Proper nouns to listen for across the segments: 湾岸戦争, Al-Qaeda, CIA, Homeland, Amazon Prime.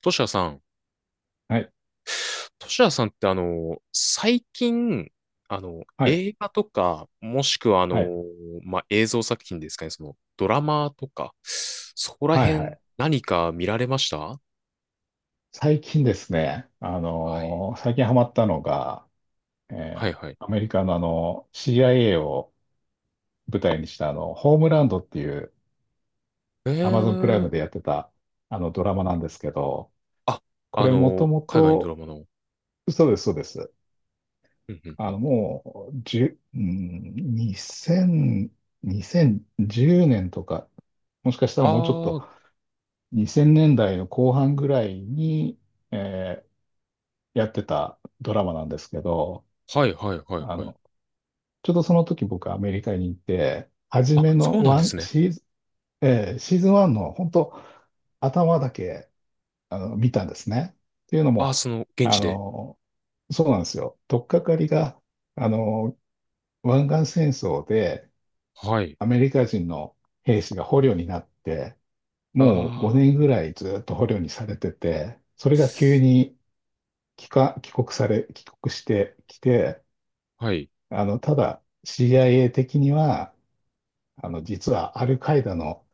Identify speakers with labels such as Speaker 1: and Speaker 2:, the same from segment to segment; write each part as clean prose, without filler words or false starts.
Speaker 1: トシヤさん。
Speaker 2: はい、
Speaker 1: トシヤさんって最近、
Speaker 2: はい、
Speaker 1: 映画とか、もしくは
Speaker 2: はい、
Speaker 1: まあ、映像作品ですかね、その、ドラマとか、そこら
Speaker 2: はい、は
Speaker 1: 辺、
Speaker 2: い。
Speaker 1: 何か見られました？
Speaker 2: 最近ですね、
Speaker 1: はい。
Speaker 2: 最近ハマったのが、え
Speaker 1: はい
Speaker 2: ー
Speaker 1: はい。
Speaker 2: アメリカのCIA を舞台にしたホームランドっていう
Speaker 1: え
Speaker 2: Amazon プライ
Speaker 1: ー、
Speaker 2: ムでやってたあのドラマなんですけど、
Speaker 1: あ、
Speaker 2: こ
Speaker 1: あ
Speaker 2: れもと
Speaker 1: の、
Speaker 2: も
Speaker 1: 海外のドラ
Speaker 2: と、
Speaker 1: マの。
Speaker 2: そうです、そうです。
Speaker 1: うんうんうん。
Speaker 2: もう、じゅ、うん、2000、2010年とか、もしかした
Speaker 1: あ
Speaker 2: らもうちょっ
Speaker 1: あ、
Speaker 2: と
Speaker 1: は
Speaker 2: 2000年代の後半ぐらいに、えやってたドラマなんですけど、
Speaker 1: いはいはい
Speaker 2: あ
Speaker 1: はい。
Speaker 2: の、ちょうどその時僕アメリカに行って、初
Speaker 1: あ、
Speaker 2: め
Speaker 1: そう
Speaker 2: の
Speaker 1: なん
Speaker 2: ワ
Speaker 1: で
Speaker 2: ン
Speaker 1: すね。
Speaker 2: シーズン、シーズン1の本当頭だけ見たんですね。っていうの
Speaker 1: あ、
Speaker 2: も、
Speaker 1: その、現
Speaker 2: あ
Speaker 1: 地で。
Speaker 2: の、そうなんですよ。取っかかりが、あの、湾岸戦争で
Speaker 1: はい。
Speaker 2: アメリカ人の兵士が捕虜になって、もう
Speaker 1: あ
Speaker 2: 5年ぐらいずっと捕虜にされてて、それが急に帰化帰国され、帰国してきて、
Speaker 1: あ、はい。
Speaker 2: ただ CIA 的には、実はアルカイダの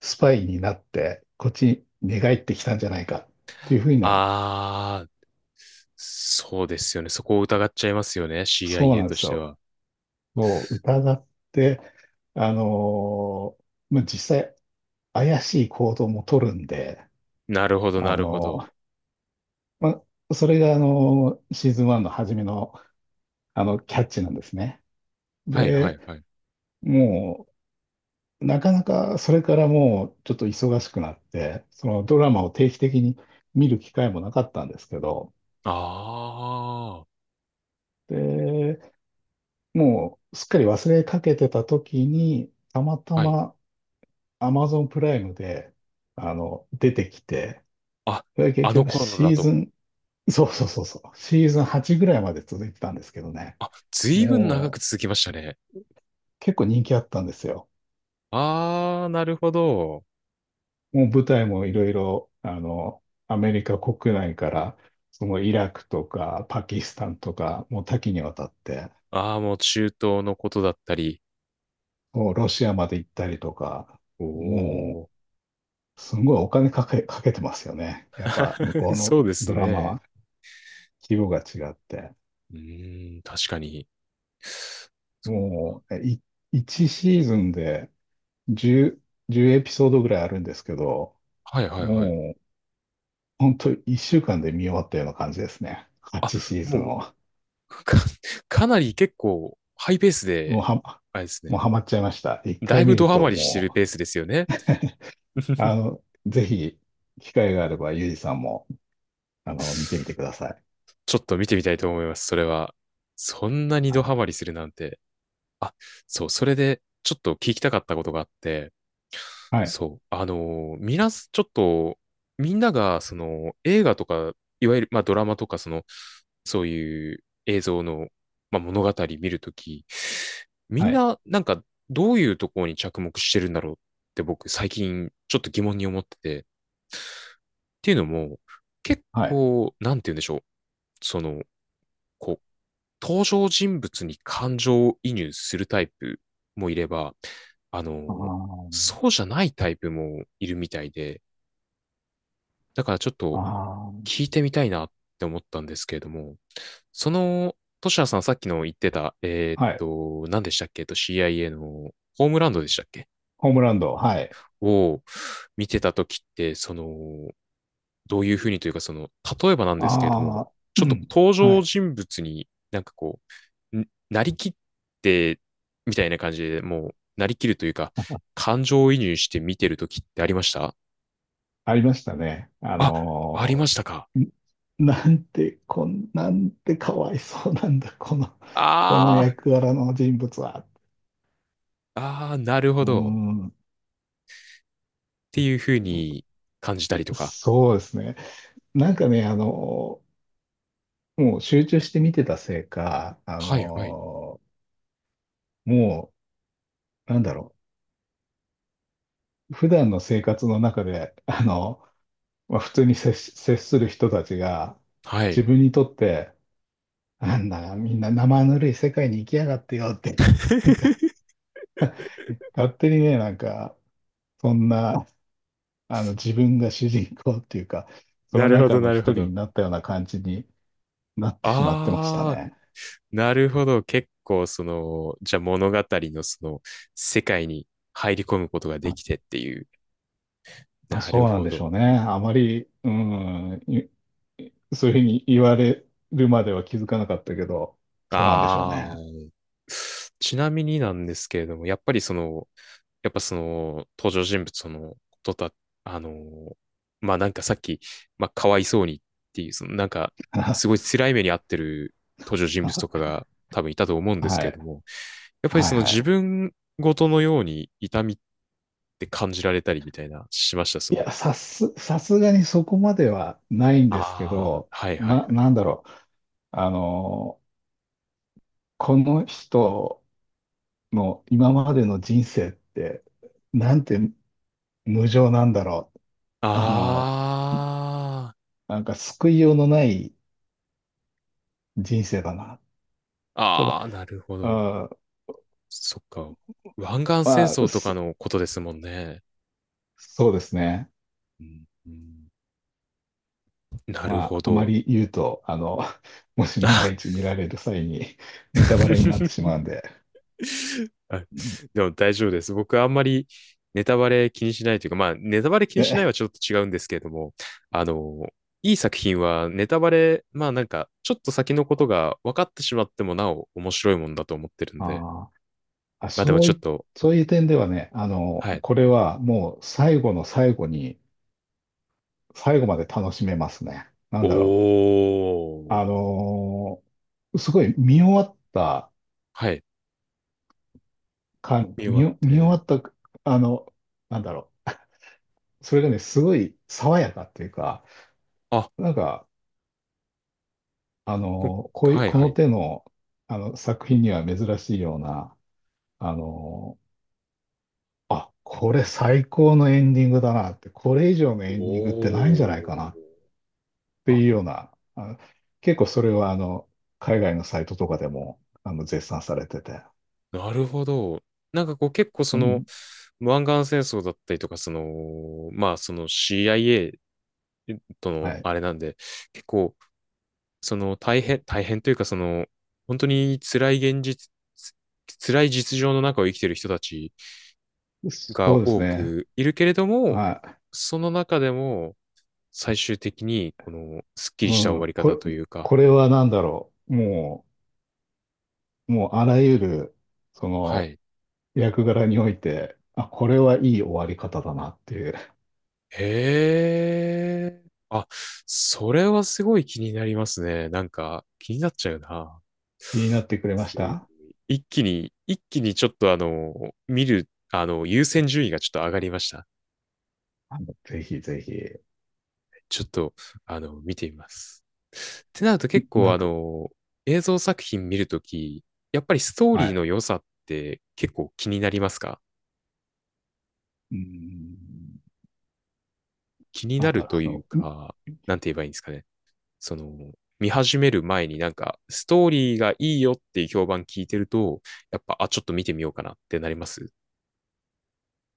Speaker 2: スパイになって、こっちに寝返ってきたんじゃないかっていうふうな、
Speaker 1: あ、そうですよね。そこを疑っちゃいますよね。
Speaker 2: そう
Speaker 1: CIA
Speaker 2: なんで
Speaker 1: と
Speaker 2: す
Speaker 1: して
Speaker 2: よ。
Speaker 1: は。
Speaker 2: もう疑って、あのまあ、実際怪しい行動も取るんで、
Speaker 1: なるほど、
Speaker 2: あ
Speaker 1: なるほど。
Speaker 2: のまあ、それが、シーズン1の初めの、キャッチなんですね。
Speaker 1: はい、はい、
Speaker 2: で、
Speaker 1: はい。
Speaker 2: もなかなかそれからもうちょっと忙しくなって、そのドラマを定期的に見る機会もなかったんですけど、
Speaker 1: ああ、
Speaker 2: で、もうすっかり忘れかけてた時に、たまた
Speaker 1: はい。
Speaker 2: ま Amazon プライムで、出てきて、
Speaker 1: あ、
Speaker 2: それが結
Speaker 1: あの
Speaker 2: 局
Speaker 1: 頃のだ
Speaker 2: シーズ
Speaker 1: と。
Speaker 2: ン、そうそうそうそう、シーズン8ぐらいまで続いてたんですけどね、
Speaker 1: あ、ずいぶん長く
Speaker 2: もう
Speaker 1: 続きましたね。
Speaker 2: 結構人気あったんですよ。
Speaker 1: ああ、なるほど。
Speaker 2: もう舞台もいろいろ、アメリカ国内から、そのイラクとかパキスタンとか、もう多岐にわたって、
Speaker 1: ああ、もう中東のことだったり。
Speaker 2: もうロシアまで行ったりとか、
Speaker 1: お
Speaker 2: もう、
Speaker 1: お、
Speaker 2: すごいお金かけ、かけてますよね。やっぱ、向こ うの
Speaker 1: そうです
Speaker 2: ドラマ
Speaker 1: ね。
Speaker 2: は、規模が違って。
Speaker 1: うーん、確かに。そ
Speaker 2: もう、1シーズンで10、じゅうエピソードぐらいあるんですけど、
Speaker 1: はい、はい、はい。
Speaker 2: もう、本当1週間で見終わったような感じですね。8
Speaker 1: あ、
Speaker 2: シーズン
Speaker 1: もう、
Speaker 2: を。
Speaker 1: か、かなり結構ハイペース
Speaker 2: もう
Speaker 1: で、
Speaker 2: は、
Speaker 1: あれです
Speaker 2: も
Speaker 1: ね。
Speaker 2: うハマっちゃいました。一
Speaker 1: だい
Speaker 2: 回見
Speaker 1: ぶド
Speaker 2: る
Speaker 1: ハ
Speaker 2: と
Speaker 1: マりしてる
Speaker 2: も
Speaker 1: ペースですよね。
Speaker 2: う、ぜひ、機会があれば、ゆうじさんも、見てみてください。
Speaker 1: ちょっと見てみたいと思います、それは。そんなにドハ
Speaker 2: は
Speaker 1: マりするなんて。あ、そう、それでちょっと聞きたかったことがあって、
Speaker 2: い、
Speaker 1: そう、みなす、ちょっと、みんなが、その、映画とか、いわゆる、まあ、ドラマとか、その、そういう映像の、まあ、物語見るとき、み
Speaker 2: は
Speaker 1: ん
Speaker 2: い、
Speaker 1: な、なんか、どういうところに着目してるんだろうって僕、最近、ちょっと疑問に思ってて、っていうのも、結
Speaker 2: はい。
Speaker 1: 構、なんて言うんでしょう。その、こう、登場人物に感情を移入するタイプもいれば、あの、
Speaker 2: あ
Speaker 1: そうじゃないタイプもいるみたいで、だからちょっ
Speaker 2: あ、
Speaker 1: と
Speaker 2: あ
Speaker 1: 聞いてみたいなって思ったんですけれども、その、トシヤさんさっきの言ってた、
Speaker 2: あ、はい。
Speaker 1: 何でしたっけCIA のホームランドでしたっけ
Speaker 2: ホームランド、はい。
Speaker 1: を見てた時って、その、どういうふうにというか、その、例えばなんですけれど
Speaker 2: あ
Speaker 1: も、
Speaker 2: あ、
Speaker 1: ち
Speaker 2: う
Speaker 1: ょっと
Speaker 2: ん、
Speaker 1: 登
Speaker 2: は
Speaker 1: 場
Speaker 2: い。
Speaker 1: 人物になんかこう、なりきって、みたいな感じで、もう、なりきるというか、感情移入して見てるときってありました？
Speaker 2: ありましたね。
Speaker 1: あ、ありましたか。
Speaker 2: ーなんてかわいそうなんだ、この、
Speaker 1: あー、
Speaker 2: 役柄の人物は。
Speaker 1: あー、なるほ
Speaker 2: うー
Speaker 1: ど。
Speaker 2: ん、
Speaker 1: っていうふうに感じたりとか。
Speaker 2: そうですね。なんかね、もう集中して見てたせいか、
Speaker 1: はい、はい、
Speaker 2: もう、なんだろう、普段の生活の中で、まあ、普通に接し、接する人たちが、
Speaker 1: は
Speaker 2: 自
Speaker 1: い。
Speaker 2: 分にとって、なんだ、みんな生ぬるい世界に行きやがってよって、なんか、勝手にね、なんか、そんな、自分が主人公っていうか、そ
Speaker 1: な
Speaker 2: の
Speaker 1: るほ
Speaker 2: 中
Speaker 1: ど、
Speaker 2: の
Speaker 1: な
Speaker 2: 一
Speaker 1: るほ
Speaker 2: 人
Speaker 1: ど。
Speaker 2: になったような感じになってしまってました
Speaker 1: あ
Speaker 2: ね。
Speaker 1: ー、なるほど。結構、その、じゃあ物語のその、世界に入り込むことがで
Speaker 2: あ、
Speaker 1: きてっていう。
Speaker 2: あ
Speaker 1: なる
Speaker 2: そうなん
Speaker 1: ほ
Speaker 2: でしょ
Speaker 1: ど。
Speaker 2: うね。あまり、そういうふうに言われるまでは気づかなかったけど、そうなんでしょう
Speaker 1: あ
Speaker 2: ね。
Speaker 1: あ、ちなみになんですけれども、やっぱりその、やっぱその、登場人物のことだ、あのー、まあなんかさっき、まあかわいそうにっていう、そのなんか、
Speaker 2: は
Speaker 1: すごい辛い目に遭ってる登場人物とかが多分いたと思うん
Speaker 2: い。
Speaker 1: です
Speaker 2: は
Speaker 1: けれ
Speaker 2: い
Speaker 1: ども、やっぱりその
Speaker 2: は
Speaker 1: 自
Speaker 2: い。
Speaker 1: 分ごとのように痛みって感じられたりみたいな、しました、そ
Speaker 2: い
Speaker 1: の。
Speaker 2: や、さすがにそこまではないんですけ
Speaker 1: ああ、
Speaker 2: ど、
Speaker 1: はいはいはい。
Speaker 2: なんだろう。あの、この人の今までの人生って、なんて無情なんだろう。あの、
Speaker 1: あ
Speaker 2: なんか救いようのない人生だな。
Speaker 1: あ、
Speaker 2: ただ、
Speaker 1: ああ、なるほ
Speaker 2: う
Speaker 1: ど。
Speaker 2: ん、
Speaker 1: そっか。湾岸戦
Speaker 2: まあ、
Speaker 1: 争とかのことですもんね。
Speaker 2: そうですね。
Speaker 1: うんうん、なる
Speaker 2: ま
Speaker 1: ほ
Speaker 2: あ、あま
Speaker 1: ど。
Speaker 2: り言うと、もし万が
Speaker 1: あ、
Speaker 2: 一見られる際に ネタバレになってしま うんで、
Speaker 1: あ、でも大丈夫です。僕あんまりネタバレ気にしないというか、まあネタバレ気にしない
Speaker 2: で、
Speaker 1: はちょっと違うんですけれども、あの、いい作品はネタバレ、まあなんかちょっと先のことが分かってしまってもなお面白いもんだと思ってるんで、
Speaker 2: あーあ、
Speaker 1: まあでも
Speaker 2: そう
Speaker 1: ちょっ
Speaker 2: い、
Speaker 1: と、
Speaker 2: そういう点ではね、
Speaker 1: はい。
Speaker 2: これはもう最後の最後に、最後まで楽しめますね。な
Speaker 1: お
Speaker 2: んだろう。
Speaker 1: ー。
Speaker 2: すごい見終わった
Speaker 1: はい。
Speaker 2: 感、
Speaker 1: 見終わっ
Speaker 2: 見終わ
Speaker 1: て、
Speaker 2: った、あの、なんだろう。それがね、すごい爽やかっていうか、
Speaker 1: あ、
Speaker 2: なんか、
Speaker 1: こ
Speaker 2: こういう、
Speaker 1: はい
Speaker 2: こ
Speaker 1: は
Speaker 2: の
Speaker 1: い。
Speaker 2: 手の、作品には珍しいような、あの、あ、これ最高のエンディングだなって、これ以上の
Speaker 1: お
Speaker 2: エンディングってないんじゃない
Speaker 1: お。
Speaker 2: かなって
Speaker 1: あ、
Speaker 2: いうような、結構それは海外のサイトとかでも絶賛されてて、
Speaker 1: なるほど。なんかこう結構そ
Speaker 2: う
Speaker 1: の、
Speaker 2: ん、
Speaker 1: 湾岸戦争だったりとか、その、まあその CIA と
Speaker 2: は
Speaker 1: の
Speaker 2: い。
Speaker 1: あれなんで、結構その大変、大変というかその、本当に辛い現実、辛い実情の中を生きてる人たち
Speaker 2: そう
Speaker 1: が
Speaker 2: です
Speaker 1: 多
Speaker 2: ね。
Speaker 1: くいるけれども、
Speaker 2: は
Speaker 1: その中でも最終的にこのスッキ
Speaker 2: い。
Speaker 1: リ
Speaker 2: う
Speaker 1: した終わ
Speaker 2: ん。
Speaker 1: り方というか、
Speaker 2: これは何だろう。もうあらゆる、そ
Speaker 1: は
Speaker 2: の、
Speaker 1: い。
Speaker 2: 役柄において、あ、これはいい終わり方だなっていう。
Speaker 1: へえ。あ、それはすごい気になりますね。なんか、気になっちゃうな。
Speaker 2: 気になってくれま
Speaker 1: す
Speaker 2: し
Speaker 1: ごい
Speaker 2: た
Speaker 1: 一気に、一気にちょっとあの、見る、あの、優先順位がちょっと上がりました。
Speaker 2: ぜひぜひ。
Speaker 1: ちょっと、あの、見てみます。ってなると結構
Speaker 2: なん
Speaker 1: あ
Speaker 2: か、
Speaker 1: の、映像作品見るとき、やっぱりストー
Speaker 2: は
Speaker 1: リーの
Speaker 2: い。
Speaker 1: 良さって結構気になりますか？
Speaker 2: うーん。
Speaker 1: 気に
Speaker 2: な
Speaker 1: な
Speaker 2: ん
Speaker 1: る
Speaker 2: だろ
Speaker 1: という
Speaker 2: う、の、
Speaker 1: か、なんて言えばいいんですかね。その、見始める前になんか、ストーリーがいいよっていう評判聞いてると、やっぱ、あ、ちょっと見てみようかなってなります？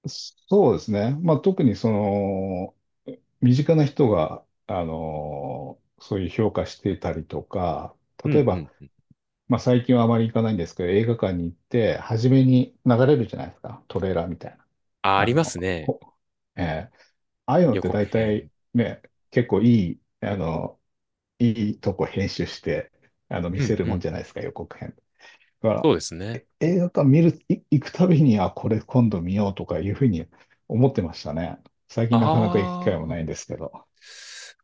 Speaker 2: そうですね。まあ、特にその、身近な人が、そういう評価してたりとか、
Speaker 1: う
Speaker 2: 例え
Speaker 1: んう
Speaker 2: ば、
Speaker 1: ん。
Speaker 2: まあ、最近はあまり行かないんですけど、映画館に行って、初めに流れるじゃないですか。トレーラーみたいな。
Speaker 1: あ、ありますね。
Speaker 2: ほえーああいうのっ
Speaker 1: 予
Speaker 2: て
Speaker 1: 告
Speaker 2: 大
Speaker 1: 編。
Speaker 2: 体ね、結構いい、あの、いいとこ編集して、見
Speaker 1: う
Speaker 2: せ
Speaker 1: ん
Speaker 2: る
Speaker 1: う
Speaker 2: もん
Speaker 1: ん
Speaker 2: じゃ
Speaker 1: う
Speaker 2: ない
Speaker 1: ん。
Speaker 2: ですか、予告編。だか
Speaker 1: そ
Speaker 2: ら、
Speaker 1: うですね。
Speaker 2: 映画館見る、い行くたびに、あ、これ今度見ようとかいうふうに思ってましたね。最
Speaker 1: あ
Speaker 2: 近なかなか行く機会も
Speaker 1: あ、
Speaker 2: ないんですけど。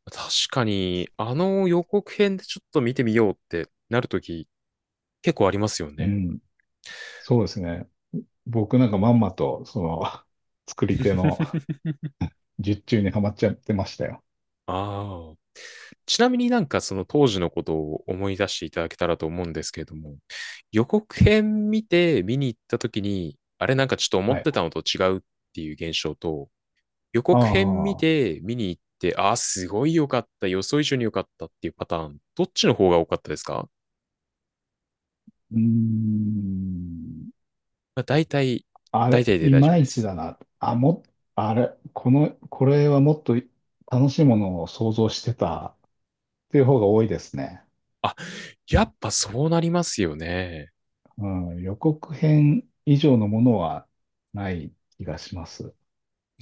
Speaker 1: 確かに、あの予告編でちょっと見てみようってなるとき、結構ありますよ
Speaker 2: う
Speaker 1: ね。
Speaker 2: ん。そうですね。僕なんかまんまと、その、作り手の 術中にはまっちゃってましたよ。
Speaker 1: ああ。ちなみになんかその当時のことを思い出していただけたらと思うんですけれども、予告編見て見に行った時に、あれなんかちょっと思
Speaker 2: は
Speaker 1: っ
Speaker 2: い。
Speaker 1: てたのと違うっていう現象と、予
Speaker 2: あ
Speaker 1: 告編見
Speaker 2: あ、う
Speaker 1: て見に行って、ああ、すごい良かった、予想以上に良かったっていうパターン、どっちの方が多かったですか？
Speaker 2: ーん。
Speaker 1: まあ、大体、
Speaker 2: あ
Speaker 1: 大
Speaker 2: れ、
Speaker 1: 体で
Speaker 2: い
Speaker 1: 大丈夫
Speaker 2: ま
Speaker 1: で
Speaker 2: いち
Speaker 1: す。
Speaker 2: だな。あ、も、あれ、この、これはもっと楽しいものを想像してたっていう方が多いですね。
Speaker 1: あ、やっぱそうなりますよね。
Speaker 2: うん、予告編以上のものはない気がします。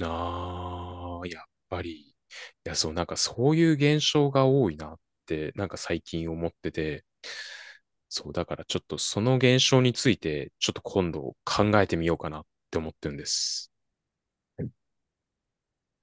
Speaker 1: ああ、やっぱり。いや、そう、なんかそういう現象が多いなって、なんか最近思ってて、そう、だからちょっとその現象について、ちょっと今度考えてみようかなって思ってるんです。